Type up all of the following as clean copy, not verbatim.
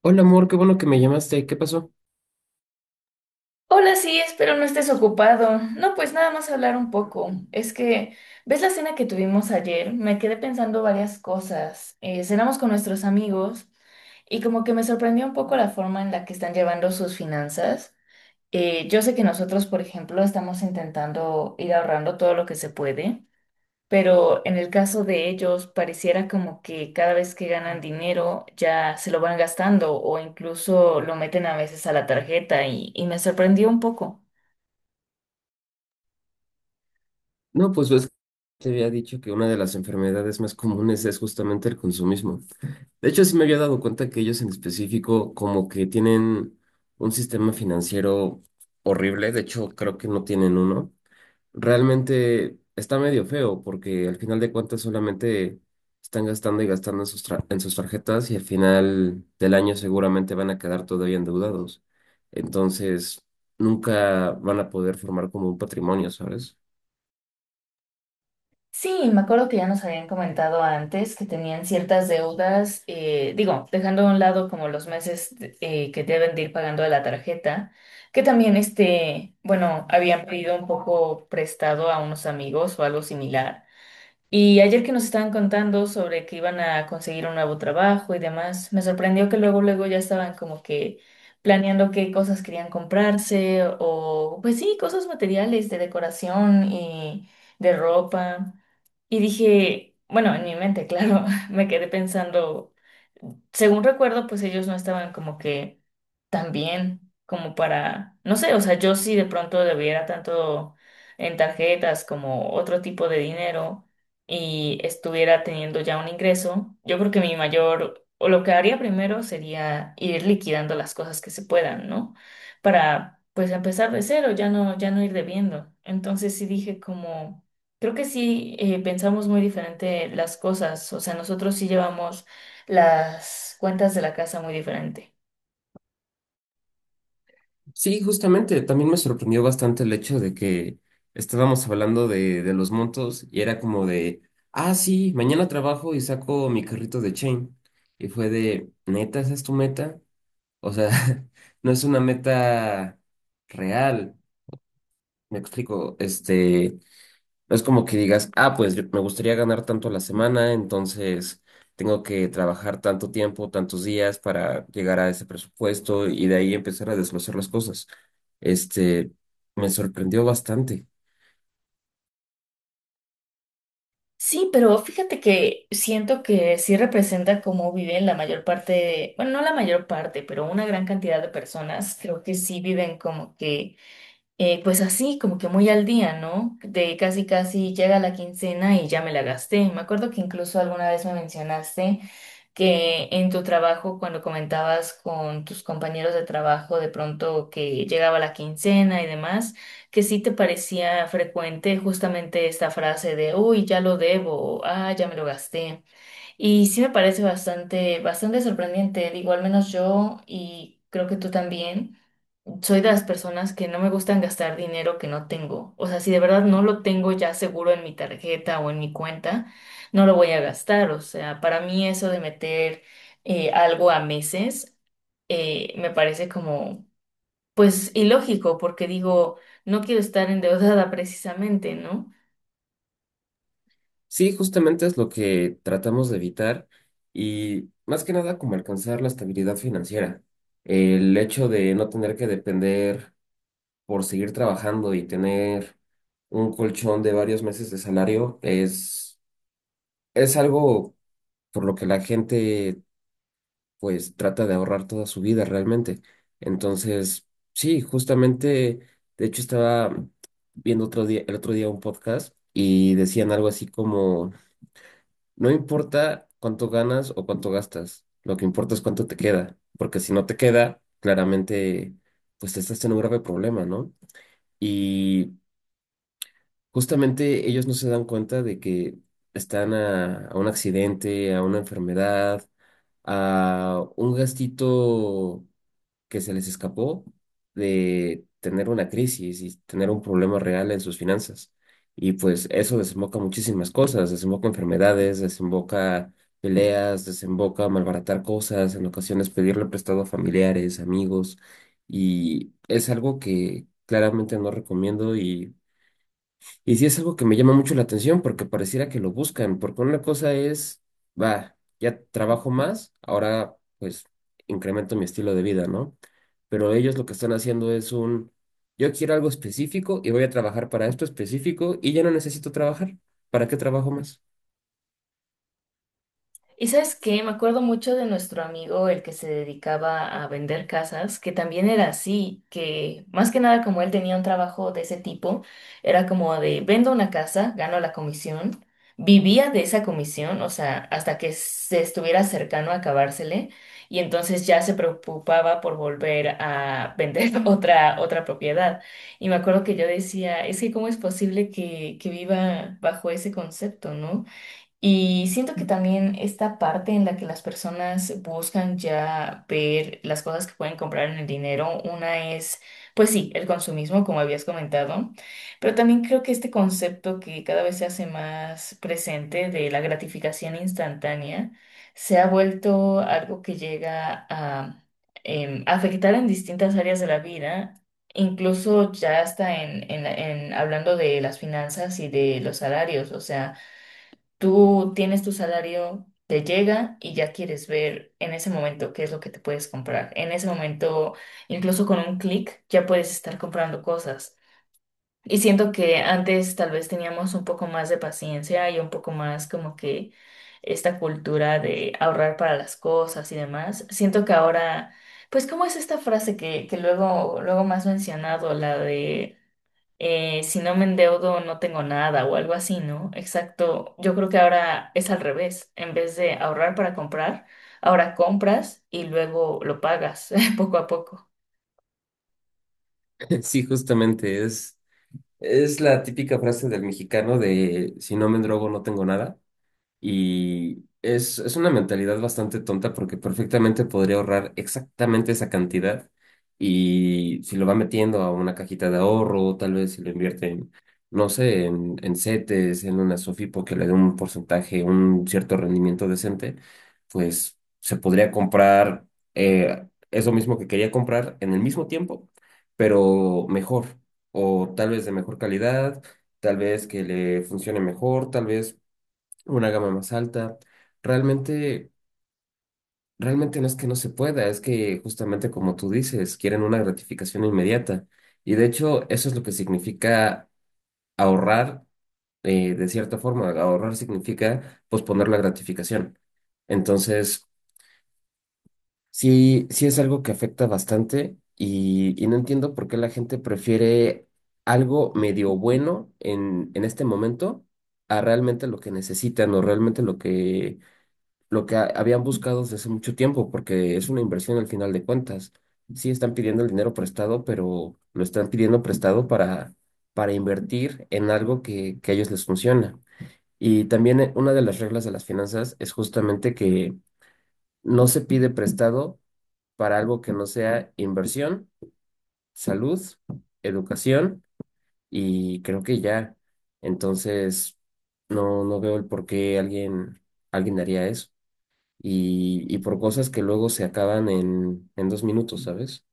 Hola amor, qué bueno que me llamaste. ¿Qué pasó? Hola, sí, espero no estés ocupado. No, pues nada más hablar un poco. Es que, ¿ves la cena que tuvimos ayer? Me quedé pensando varias cosas. Cenamos con nuestros amigos y como que me sorprendió un poco la forma en la que están llevando sus finanzas. Yo sé que nosotros, por ejemplo, estamos intentando ir ahorrando todo lo que se puede, pero en el caso de ellos pareciera como que cada vez que ganan dinero ya se lo van gastando o incluso lo meten a veces a la tarjeta y me sorprendió un poco. No, pues ves que te había dicho que una de las enfermedades más comunes es justamente el consumismo. De hecho, sí me había dado cuenta que ellos en específico como que tienen un sistema financiero horrible. De hecho, creo que no tienen uno. Realmente está medio feo porque al final de cuentas solamente están gastando y gastando en sus tarjetas y al final del año seguramente van a quedar todavía endeudados. Entonces, nunca van a poder formar como un patrimonio, ¿sabes? Sí, me acuerdo que ya nos habían comentado antes que tenían ciertas deudas, digo, dejando a un lado como los meses que deben de ir pagando de la tarjeta, que también este, bueno, habían pedido un poco prestado a unos amigos o algo similar. Y ayer que nos estaban contando sobre que iban a conseguir un nuevo trabajo y demás, me sorprendió que luego, luego ya estaban como que planeando qué cosas querían comprarse o, pues sí, cosas materiales de decoración y de ropa. Y dije, bueno, en mi mente, claro, me quedé pensando, según recuerdo, pues ellos no estaban como que también como para, no sé, o sea, yo si de pronto debiera tanto en tarjetas como otro tipo de dinero y estuviera teniendo ya un ingreso, yo creo que mi mayor, o lo que haría primero sería ir liquidando las cosas que se puedan, ¿no? Para pues empezar de cero, ya no ir debiendo. Entonces sí dije como, creo que sí pensamos muy diferente las cosas, o sea, nosotros sí llevamos las cuentas de la casa muy diferente. Sí, justamente, también me sorprendió bastante el hecho de que estábamos hablando de los montos y era como de, ah, sí, mañana trabajo y saco mi carrito de Chain. Y fue de, ¿neta, esa es tu meta? O sea, no es una meta real. Me explico, no es como que digas, ah, pues me gustaría ganar tanto a la semana, entonces tengo que trabajar tanto tiempo, tantos días para llegar a ese presupuesto y de ahí empezar a desglosar las cosas. Este, me sorprendió bastante. Sí, pero fíjate que siento que sí representa cómo viven la mayor parte, de- bueno, no la mayor parte, pero una gran cantidad de personas, creo que sí viven como que, pues así, como que muy al día, ¿no? De casi casi llega la quincena y ya me la gasté. Me acuerdo que incluso alguna vez me mencionaste que en tu trabajo, cuando comentabas con tus compañeros de trabajo, de pronto que llegaba la quincena y demás, que sí te parecía frecuente justamente esta frase de, uy, ya lo debo, o, ah, ya me lo gasté. Y sí me parece bastante, bastante sorprendente, digo, al menos yo y creo que tú también soy de las personas que no me gustan gastar dinero que no tengo. O sea, si de verdad no lo tengo ya seguro en mi tarjeta o en mi cuenta, no lo voy a gastar. O sea, para mí eso de meter algo a meses me parece como, pues, ilógico, porque digo, no quiero estar endeudada precisamente, ¿no? Sí, justamente es lo que tratamos de evitar y más que nada como alcanzar la estabilidad financiera. El hecho de no tener que depender por seguir trabajando y tener un colchón de varios meses de salario es algo por lo que la gente pues trata de ahorrar toda su vida realmente. Entonces, sí, justamente, de hecho estaba viendo otro día, el otro día un podcast y decían algo así como, no importa cuánto ganas o cuánto gastas, lo que importa es cuánto te queda, porque si no te queda, claramente pues te estás en un grave problema, ¿no? Y justamente ellos no se dan cuenta de que están a un accidente, a una enfermedad, a un gastito que se les escapó de tener una crisis y tener un problema real en sus finanzas. Y pues eso desemboca muchísimas cosas, desemboca enfermedades, desemboca peleas, desemboca malbaratar cosas, en ocasiones pedirle prestado a familiares, amigos, y es algo que claramente no recomiendo y sí es algo que me llama mucho la atención porque pareciera que lo buscan, porque una cosa es, va, ya trabajo más, ahora pues incremento mi estilo de vida, ¿no? Pero ellos lo que están haciendo es un, yo quiero algo específico y voy a trabajar para esto específico y ya no necesito trabajar. ¿Para qué trabajo más? ¿Y sabes qué? Me acuerdo mucho de nuestro amigo, el que se dedicaba a vender casas, que también era así, que más que nada como él tenía un trabajo de ese tipo, era como de vendo una casa, gano la comisión, vivía de esa comisión, o sea, hasta que se estuviera cercano a acabársele, y entonces ya se preocupaba por volver a vender otra, otra propiedad. Y me acuerdo que yo decía, es que ¿cómo es posible que viva bajo ese concepto, ¿no? Y siento que también esta parte en la que las personas buscan ya ver las cosas que pueden comprar en el dinero, una es, pues sí, el consumismo, como habías comentado, pero también creo que este concepto que cada vez se hace más presente de la gratificación instantánea se ha vuelto algo que llega a afectar en distintas áreas de la vida. Incluso ya hasta en hablando de las finanzas y de los salarios, o sea, tú tienes tu salario, te llega y ya quieres ver en ese momento qué es lo que te puedes comprar. En ese momento, incluso con un clic, ya puedes estar comprando cosas. Y siento que antes tal vez teníamos un poco más de paciencia y un poco más como que esta cultura de ahorrar para las cosas y demás. Siento que ahora, pues, ¿cómo es esta frase que luego, luego más mencionado, la de si no me endeudo no tengo nada o algo así, ¿no? Exacto. Yo creo que ahora es al revés. En vez de ahorrar para comprar, ahora compras y luego lo pagas poco a poco. Sí, justamente es la típica frase del mexicano de si no me drogo no tengo nada. Y es una mentalidad bastante tonta porque perfectamente podría ahorrar exactamente esa cantidad y si lo va metiendo a una cajita de ahorro, tal vez si lo invierte no sé, en CETES, en una SOFIPO que le dé un porcentaje, un cierto rendimiento decente, pues se podría comprar eso mismo que quería comprar en el mismo tiempo, pero mejor o tal vez de mejor calidad, tal vez que le funcione mejor, tal vez una gama más alta. Realmente, realmente no es que no se pueda, es que justamente como tú dices, quieren una gratificación inmediata. Y de hecho, eso es lo que significa ahorrar, de cierta forma. Ahorrar significa posponer la gratificación. Entonces, sí, sí es algo que afecta bastante y no entiendo por qué la gente prefiere algo medio bueno en este momento a realmente lo que necesitan o realmente lo que habían buscado desde hace mucho tiempo, porque es una inversión al final de cuentas. Sí están pidiendo el dinero prestado, pero lo están pidiendo prestado para invertir en algo que a ellos les funciona. Y también una de las reglas de las finanzas es justamente que no se pide prestado para algo que no sea inversión, salud, educación y creo que ya. Entonces, no veo el por qué alguien haría eso y por cosas que luego se acaban en 2 minutos, ¿sabes?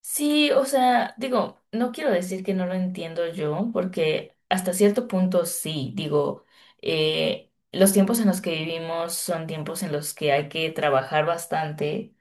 Sí, o sea, digo, no quiero decir que no lo entiendo yo, porque hasta cierto punto sí, digo, los tiempos en los que vivimos son tiempos en los que hay que trabajar bastante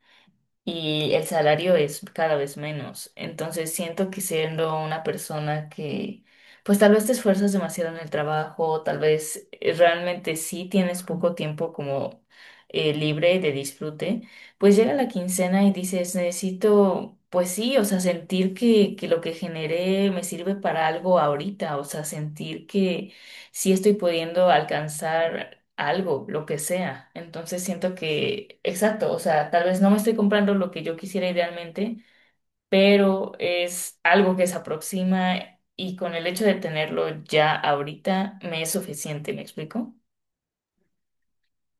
y el salario es cada vez menos. Entonces siento que siendo una persona que, pues tal vez te esfuerzas demasiado en el trabajo, tal vez realmente sí tienes poco tiempo como libre de disfrute, pues llega la quincena y dices, necesito... Pues sí, o sea, sentir que lo que generé me sirve para algo ahorita, o sea, sentir que sí estoy pudiendo alcanzar algo, lo que sea. Entonces siento que, exacto, o sea, tal vez no me estoy comprando lo que yo quisiera idealmente, pero es algo que se aproxima y con el hecho de tenerlo ya ahorita me es suficiente, ¿me explico?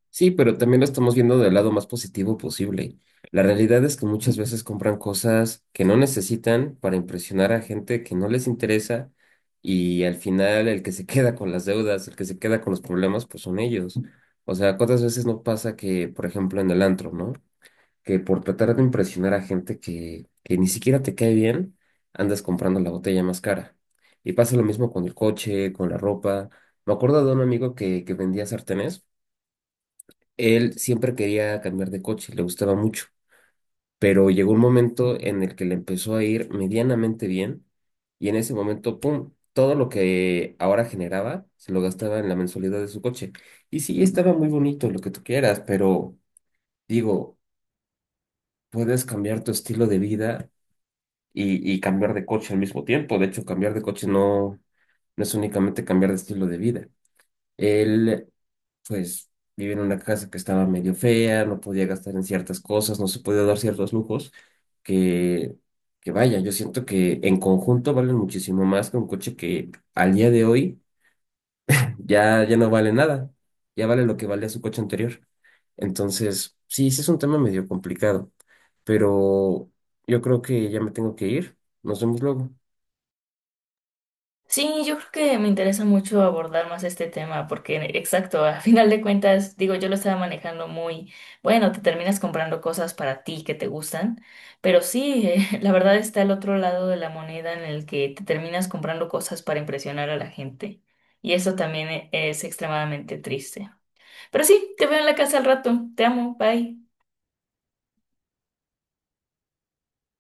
Sí, pero también lo estamos viendo del lado más positivo posible. La realidad es que muchas veces compran cosas que no necesitan para impresionar a gente que no les interesa y al final el que se queda con las deudas, el que se queda con los problemas, pues son ellos. O sea, ¿cuántas veces no pasa que, por ejemplo, en el antro, ¿no? Que por tratar de impresionar a gente que ni siquiera te cae bien, andas comprando la botella más cara. Y pasa lo mismo con el coche, con la ropa. Me acuerdo de un amigo que vendía sartenes. Él siempre quería cambiar de coche, le gustaba mucho, pero llegó un momento en el que le empezó a ir medianamente bien y en ese momento, ¡pum!, todo lo que ahora generaba se lo gastaba en la mensualidad de su coche. Y sí, estaba muy bonito lo que tú quieras, pero digo, puedes cambiar tu estilo de vida y cambiar de coche al mismo tiempo. De hecho, cambiar de coche no es únicamente cambiar de estilo de vida. Él, pues, vivía en una casa que estaba medio fea, no podía gastar en ciertas cosas, no se podía dar ciertos lujos, que, que vaya, yo siento que en conjunto valen muchísimo más que un coche que al día de hoy ya no vale nada, ya vale lo que valía su coche anterior. Entonces, sí, sí es un tema medio complicado, pero yo creo que ya me tengo que ir. Nos vemos luego. Sí, yo creo que me interesa mucho abordar más este tema porque, exacto, a final de cuentas, digo, yo lo estaba manejando muy, bueno, te terminas comprando cosas para ti que te gustan, pero sí, la verdad está el otro lado de la moneda en el que te terminas comprando cosas para impresionar a la gente y eso también e- es extremadamente triste. Pero sí, te veo en la casa al rato, te amo, bye.